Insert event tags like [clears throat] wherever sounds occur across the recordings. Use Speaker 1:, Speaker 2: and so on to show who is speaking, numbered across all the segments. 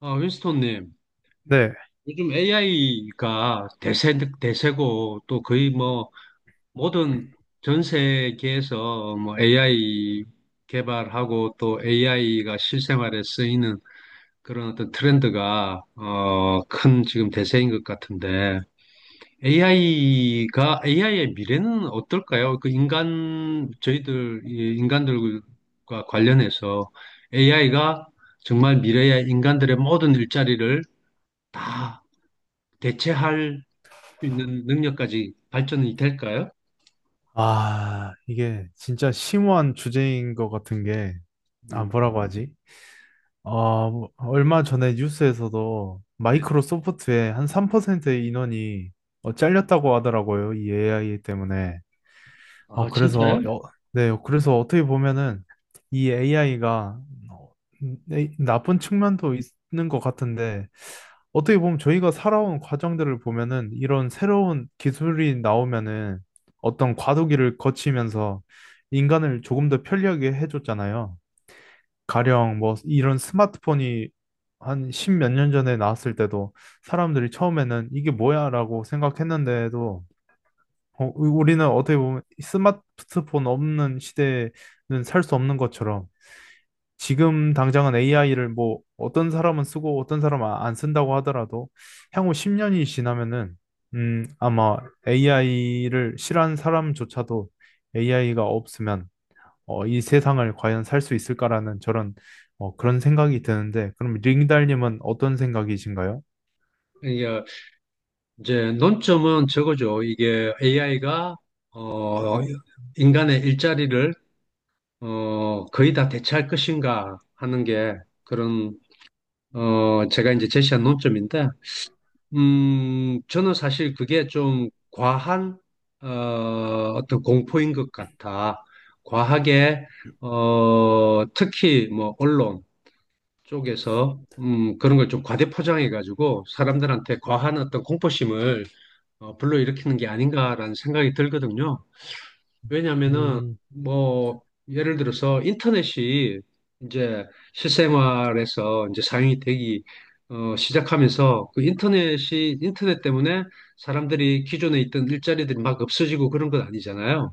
Speaker 1: 아, 윈스톤님,
Speaker 2: 네.
Speaker 1: 요즘 AI가 대세고 또 거의 뭐 모든 전 세계에서 뭐 AI 개발하고 또 AI가 실생활에 쓰이는 그런 어떤 트렌드가 큰 지금 대세인 것 같은데 AI가 AI의 미래는 어떨까요? 그 인간 저희들 이 인간들과 관련해서 AI가 정말 미래의 인간들의 모든 일자리를 다 대체할 수 있는 능력까지 발전이 될까요?
Speaker 2: 아, 이게 진짜 심오한 주제인 것 같은 게, 아,
Speaker 1: 음,
Speaker 2: 뭐라고 하지? 얼마 전에 뉴스에서도
Speaker 1: 네.
Speaker 2: 마이크로소프트의 한 3%의 인원이 잘렸다고 하더라고요. 이 AI 때문에. 어,
Speaker 1: 아,
Speaker 2: 그래서,
Speaker 1: 진짜요?
Speaker 2: 어, 네, 그래서 어떻게 보면은 이 AI가 나쁜 측면도 있는 것 같은데, 어떻게 보면 저희가 살아온 과정들을 보면은 이런 새로운 기술이 나오면은 어떤 과도기를 거치면서 인간을 조금 더 편리하게 해줬잖아요. 가령 뭐 이런 스마트폰이 한 십몇 년 전에 나왔을 때도 사람들이 처음에는 이게 뭐야라고 생각했는데도 우리는 어떻게 보면 스마트폰 없는 시대는 살 수 없는 것처럼 지금 당장은 AI를 뭐 어떤 사람은 쓰고 어떤 사람은 안 쓴다고 하더라도 향후 10년이 지나면은 아마 AI를 싫어하는 사람조차도 AI가 없으면 이 세상을 과연 살 수 있을까라는 그런 생각이 드는데 그럼 링달님은 어떤 생각이신가요?
Speaker 1: 이게 이제 논점은 저거죠. 이게 AI가 어, 인간의 일자리를 거의 다 대체할 것인가 하는 게 그런 제가 이제 제시한 논점인데, 저는 사실 그게 좀 과한 어, 어떤 공포인 것 같아. 과하게 특히 뭐 언론 쪽에서 그런 걸 좀 과대 포장해가지고 사람들한테 과한 어떤 공포심을 불러일으키는 게 아닌가라는 생각이 들거든요. 왜냐하면은
Speaker 2: 음,
Speaker 1: 뭐 예를 들어서 인터넷이 이제 실생활에서 이제 사용이 되기 시작하면서 그 인터넷 때문에 사람들이 기존에 있던 일자리들이 막 없어지고 그런 건 아니잖아요.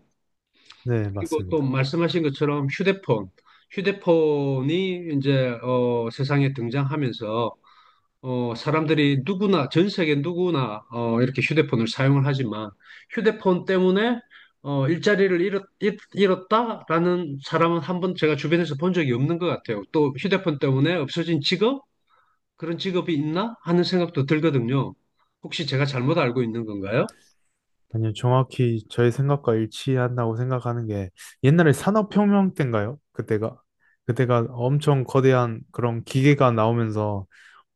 Speaker 2: 네,
Speaker 1: 그리고 또
Speaker 2: 맞습니다.
Speaker 1: 말씀하신 것처럼 휴대폰이 이제 세상에 등장하면서 사람들이 누구나, 전 세계 누구나, 이렇게 휴대폰을 사용을 하지만, 휴대폰 때문에, 일자리를 잃었, 다라는 사람은 한번 제가 주변에서 본 적이 없는 것 같아요. 또 휴대폰 때문에 없어진 직업? 그런 직업이 있나? 하는 생각도 들거든요. 혹시 제가 잘못 알고 있는 건가요?
Speaker 2: 아니요, 정확히 저의 생각과 일치한다고 생각하는 게 옛날에 산업혁명 때인가요? 그때가 엄청 거대한 그런 기계가 나오면서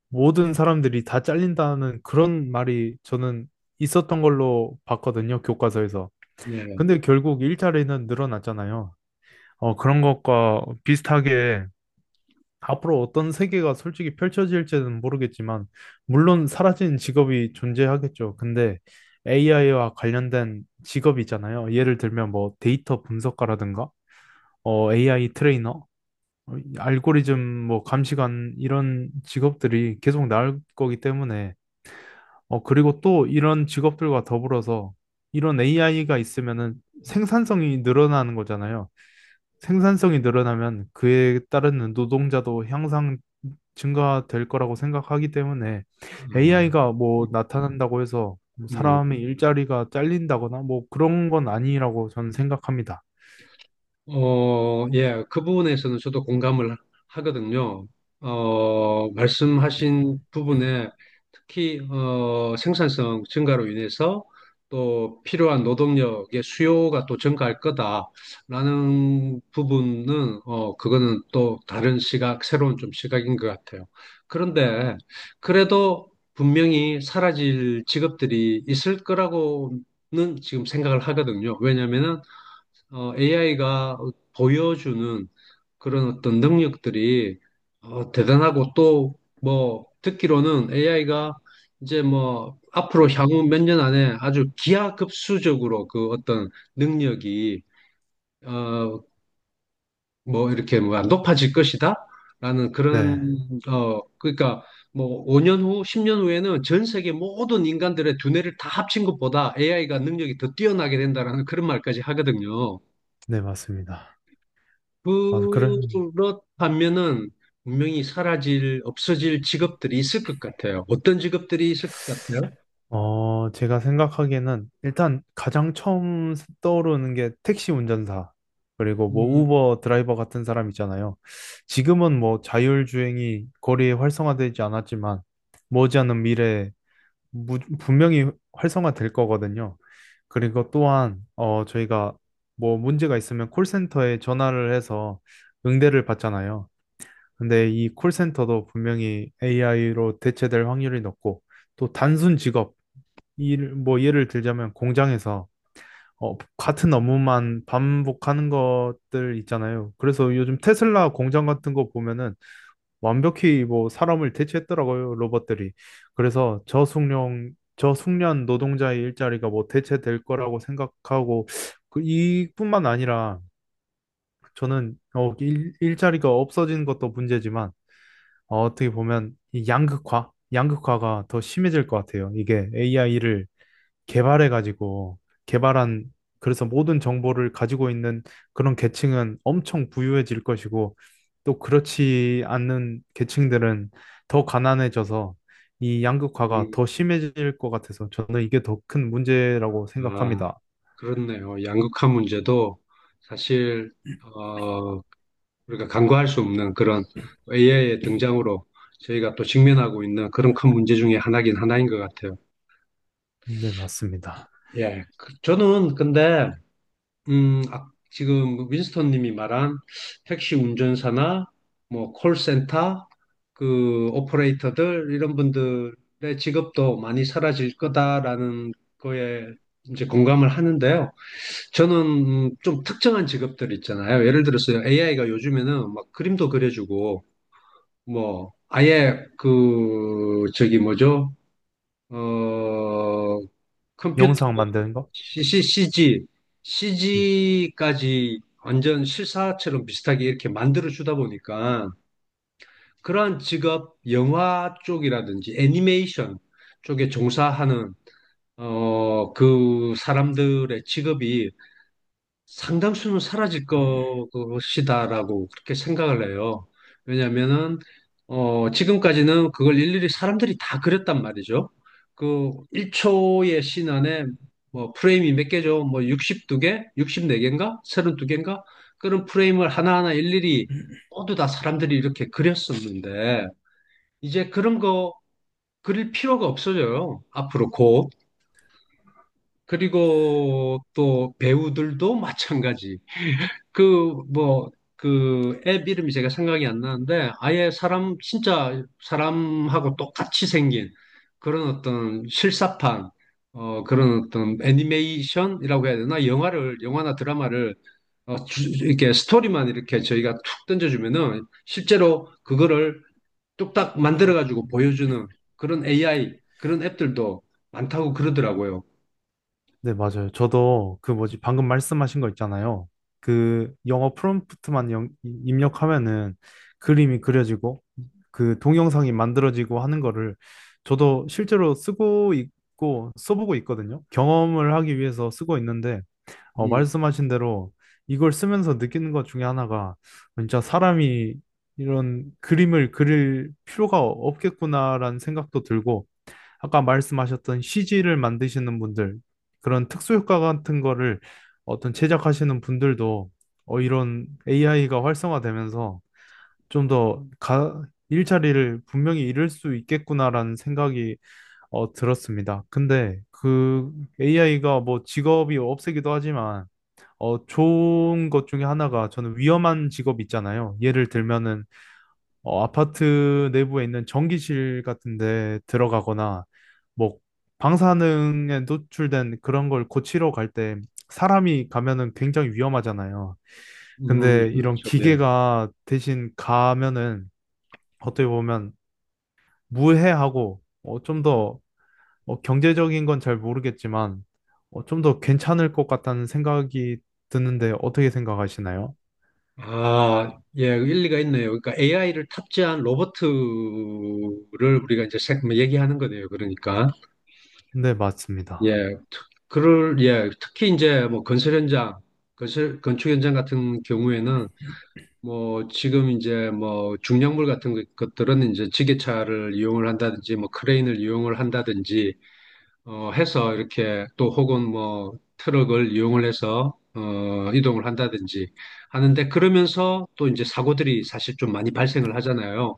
Speaker 2: 모든 사람들이 다 잘린다는 그런 말이 저는 있었던 걸로 봤거든요, 교과서에서.
Speaker 1: 예.
Speaker 2: 근데 결국 일자리는 늘어났잖아요. 그런 것과 비슷하게 앞으로 어떤 세계가 솔직히 펼쳐질지는 모르겠지만, 물론 사라진 직업이 존재하겠죠. 근데 AI와 관련된 직업이잖아요. 예를 들면 뭐 데이터 분석가라든가, AI 트레이너, 알고리즘 뭐 감시관 이런 직업들이 계속 나올 거기 때문에, 그리고 또 이런 직업들과 더불어서 이런 AI가 있으면은 생산성이 늘어나는 거잖아요. 생산성이 늘어나면 그에 따른 노동자도 향상 증가될 거라고 생각하기 때문에
Speaker 1: 음.
Speaker 2: AI가 뭐 나타난다고 해서
Speaker 1: 음.
Speaker 2: 사람의 일자리가 잘린다거나 뭐 그런 건 아니라고 저는 생각합니다.
Speaker 1: 예, 그 부분에서는 저도 공감을 하거든요. 말씀하신 부분에 특히 생산성 증가로 인해서 또 필요한 노동력의 수요가 또 증가할 거다라는 부분은 그거는 또 다른 시각, 새로운 좀 시각인 것 같아요. 그런데 그래도 분명히 사라질 직업들이 있을 거라고는 지금 생각을 하거든요. 왜냐면은 AI가 보여주는 그런 어떤 능력들이 대단하고 또 뭐 듣기로는 AI가 이제 뭐 앞으로 향후 몇 년 안에 아주 기하급수적으로 그 어떤 능력이 어, 뭐 이렇게 뭐 높아질 것이다 라는 그런
Speaker 2: 네,
Speaker 1: 어 그러니까 뭐 5년 후, 10년 후에는 전 세계 모든 인간들의 두뇌를 다 합친 것보다 AI가 능력이 더 뛰어나게 된다라는 그런 말까지 하거든요.
Speaker 2: 네, 맞습니다. 아, 그래.
Speaker 1: 그렇다면은 분명히 사라질, 없어질 직업들이 있을 것 같아요. 어떤 직업들이 있을 것 같아요?
Speaker 2: 제가 생각하기에는 일단 가장 처음 떠오르는 게 택시 운전사, 그리고 뭐
Speaker 1: 음.
Speaker 2: 우버 드라이버 같은 사람 있잖아요. 지금은 뭐 자율주행이 거리에 활성화되지 않았지만 머지않은 미래에 분명히 활성화될 거거든요. 그리고 또한 저희가 뭐 문제가 있으면 콜센터에 전화를 해서 응대를 받잖아요. 근데 이 콜센터도 분명히 AI로 대체될 확률이 높고 또 단순 직업 일, 뭐 예를 들자면 공장에서 같은 업무만 반복하는 것들 있잖아요. 그래서 요즘 테슬라 공장 같은 거 보면은 완벽히 뭐 사람을 대체했더라고요, 로봇들이. 그래서 저숙련 노동자의 일자리가 뭐 대체될 거라고 생각하고 그 이뿐만 아니라 저는 일자리가 없어진 것도 문제지만 어, 어떻게 보면 이 양극화가 더 심해질 것 같아요. 이게 AI를 개발해가지고 개발한 그래서 모든 정보를 가지고 있는 그런 계층은 엄청 부유해질 것이고 또 그렇지 않는 계층들은 더 가난해져서 이 양극화가
Speaker 1: 음.
Speaker 2: 더 심해질 것 같아서 저는 이게 더 큰 문제라고
Speaker 1: 아,
Speaker 2: 생각합니다.
Speaker 1: 그렇네요. 양극화 문제도 사실, 어, 우리가 간과할 수 없는 그런 AI의 등장으로 저희가 또 직면하고 있는 그런 큰 문제 중에 하나긴 하나인 것 같아요.
Speaker 2: 네, 맞습니다.
Speaker 1: 예. 저는 근데 아, 지금 뭐 윈스턴 님이 말한 택시 운전사나 뭐 콜센터 그 오퍼레이터들 이런 분들의 직업도 많이 사라질 거다라는 거에 이제 공감을 하는데요. 저는 좀 특정한 직업들 있잖아요. 예를 들어서 AI가 요즘에는 막 그림도 그려주고 뭐 아예 그 저기 뭐죠? 어 컴퓨터
Speaker 2: 영상 만드는 거?
Speaker 1: c g CG까지 완전 실사처럼 비슷하게 이렇게 만들어주다 보니까 그러한 직업, 영화 쪽이라든지 애니메이션 쪽에 종사하는 그 사람들의 직업이 상당수는 사라질 것이다라고 그렇게 생각을 해요. 왜냐면은, 지금까지는 그걸 일일이 사람들이 다 그렸단 말이죠. 그 1초의 씬 안에 뭐 프레임이 몇 개죠? 뭐 62개? 64개인가? 32개인가? 그런 프레임을 하나하나 일일이 모두 다 사람들이 이렇게 그렸었는데, 이제 그런 거 그릴 필요가 없어져요. 앞으로 곧. 그리고 또 배우들도 마찬가지. 그, 뭐, 그 앱 이름이 제가 생각이 안 나는데 아예 사람, 진짜 사람하고 똑같이 생긴 그런 어떤 실사판, 그런 어떤 애니메이션이라고 해야 되나? 영화를, 영화나 드라마를 이렇게 스토리만 이렇게 저희가 툭 던져주면은 실제로 그거를 뚝딱 만들어가지고 보여주는 그런 AI, 그런 앱들도 많다고 그러더라고요.
Speaker 2: 네, 맞아요. 저도 그 뭐지, 방금 말씀하신 거 있잖아요. 그 영어 프롬프트만 입력하면은 그림이 그려지고 그 동영상이 만들어지고 하는 거를 저도 실제로 쓰고 있고 써보고 있거든요. 경험을 하기 위해서 쓰고 있는데, 어,
Speaker 1: 음.
Speaker 2: 말씀하신 대로 이걸 쓰면서 느끼는 것 중에 하나가 진짜 사람이 이런 그림을 그릴 필요가 없겠구나라는 생각도 들고 아까 말씀하셨던 CG를 만드시는 분들, 그런 특수효과 같은 거를 어떤 제작하시는 분들도 이런 AI가 활성화되면서 좀 더 일자리를 분명히 잃을 수 있겠구나라는 생각이 들었습니다. 근데 그 AI가 뭐 직업이 없애기도 하지만 어, 좋은 것 중에 하나가 저는 위험한 직업 있잖아요. 예를 들면은 아파트 내부에 있는 전기실 같은 데 들어가거나 뭐 방사능에 노출된 그런 걸 고치러 갈 때 사람이 가면은 굉장히 위험하잖아요.
Speaker 1: 음.
Speaker 2: 근데 이런
Speaker 1: 그렇죠. 네.
Speaker 2: 기계가 대신 가면은 어떻게 보면 무해하고 좀더 경제적인 건 잘 모르겠지만 좀더 괜찮을 것 같다는 생각이 드는데 어떻게 생각하시나요?
Speaker 1: 아, 예, 그 일리가 있네요. 그러니까 AI를 탑재한 로버트를 우리가 이제 뭐 얘기하는 거네요. 그러니까
Speaker 2: 네, 맞습니다.
Speaker 1: 예, 특히 이제 뭐 건설 현장, 건설 건축 현장 같은 경우에는 뭐 지금 이제 뭐 중량물 같은 것들은 이제 지게차를 이용을 한다든지 뭐 크레인을 이용을 한다든지 해서 이렇게 또 혹은 뭐 트럭을 이용을 해서 이동을 한다든지 하는데 그러면서 또 이제 사고들이 사실 좀 많이 발생을 하잖아요.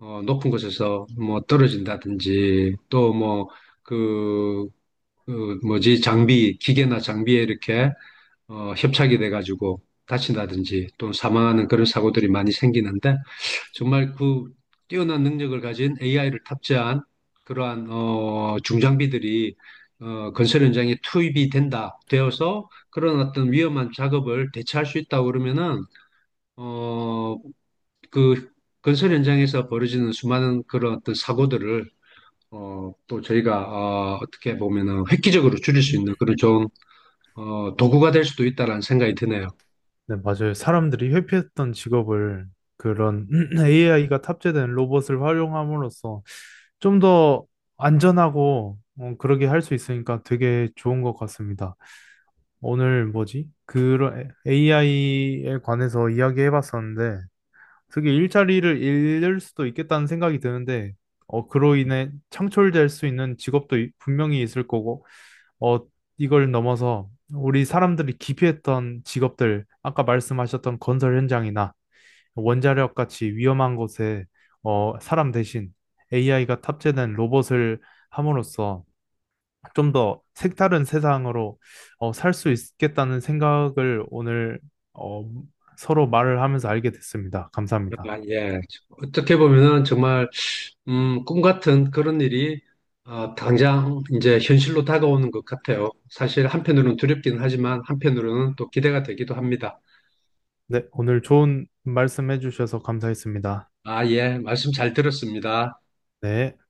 Speaker 1: 높은 곳에서 뭐 떨어진다든지 또 뭐 그, 그 뭐지, 장비, 기계나 장비에 이렇게 협착이 돼가지고 다친다든지 또 사망하는 그런 사고들이 많이 생기는데 정말 그 뛰어난 능력을 가진 AI를 탑재한 그러한 중장비들이 건설 현장에 투입이 된다 되어서 그런 어떤 위험한 작업을 대체할 수 있다고 그러면은 어, 그 건설 현장에서 벌어지는 수많은 그런 어떤 사고들을 또 저희가 어떻게 보면은 획기적으로 줄일 수 있는 그런 좋은 도구가 될 수도 있다라는 생각이 드네요.
Speaker 2: 네, 맞아요. 사람들이 회피했던 직업을 그런 [clears throat] AI가 탑재된 로봇을 활용함으로써 좀 더 안전하고 그러게 할 수 있으니까 되게 좋은 것 같습니다. 오늘 뭐지? 그런 AI에 관해서 이야기해 봤었는데 그게 일자리를 잃을 수도 있겠다는 생각이 드는데 그로 인해 창출될 수 있는 직업도 분명히 있을 거고 어, 이걸 넘어서 우리 사람들이 기피했던 직업들, 아까 말씀하셨던 건설 현장이나 원자력 같이 위험한 곳에 사람 대신 AI가 탑재된 로봇을 함으로써 좀 더 색다른 세상으로 살수 있겠다는 생각을 오늘 어, 서로 말을 하면서 알게 됐습니다. 감사합니다.
Speaker 1: 아, 예. 어떻게 보면은 정말, 꿈 같은 그런 일이, 당장 이제 현실로 다가오는 것 같아요. 사실 한편으로는 두렵긴 하지만 한편으로는 또 기대가 되기도 합니다.
Speaker 2: 네, 오늘 좋은 말씀 해주셔서 감사했습니다.
Speaker 1: 아, 예. 말씀 잘 들었습니다.
Speaker 2: 네.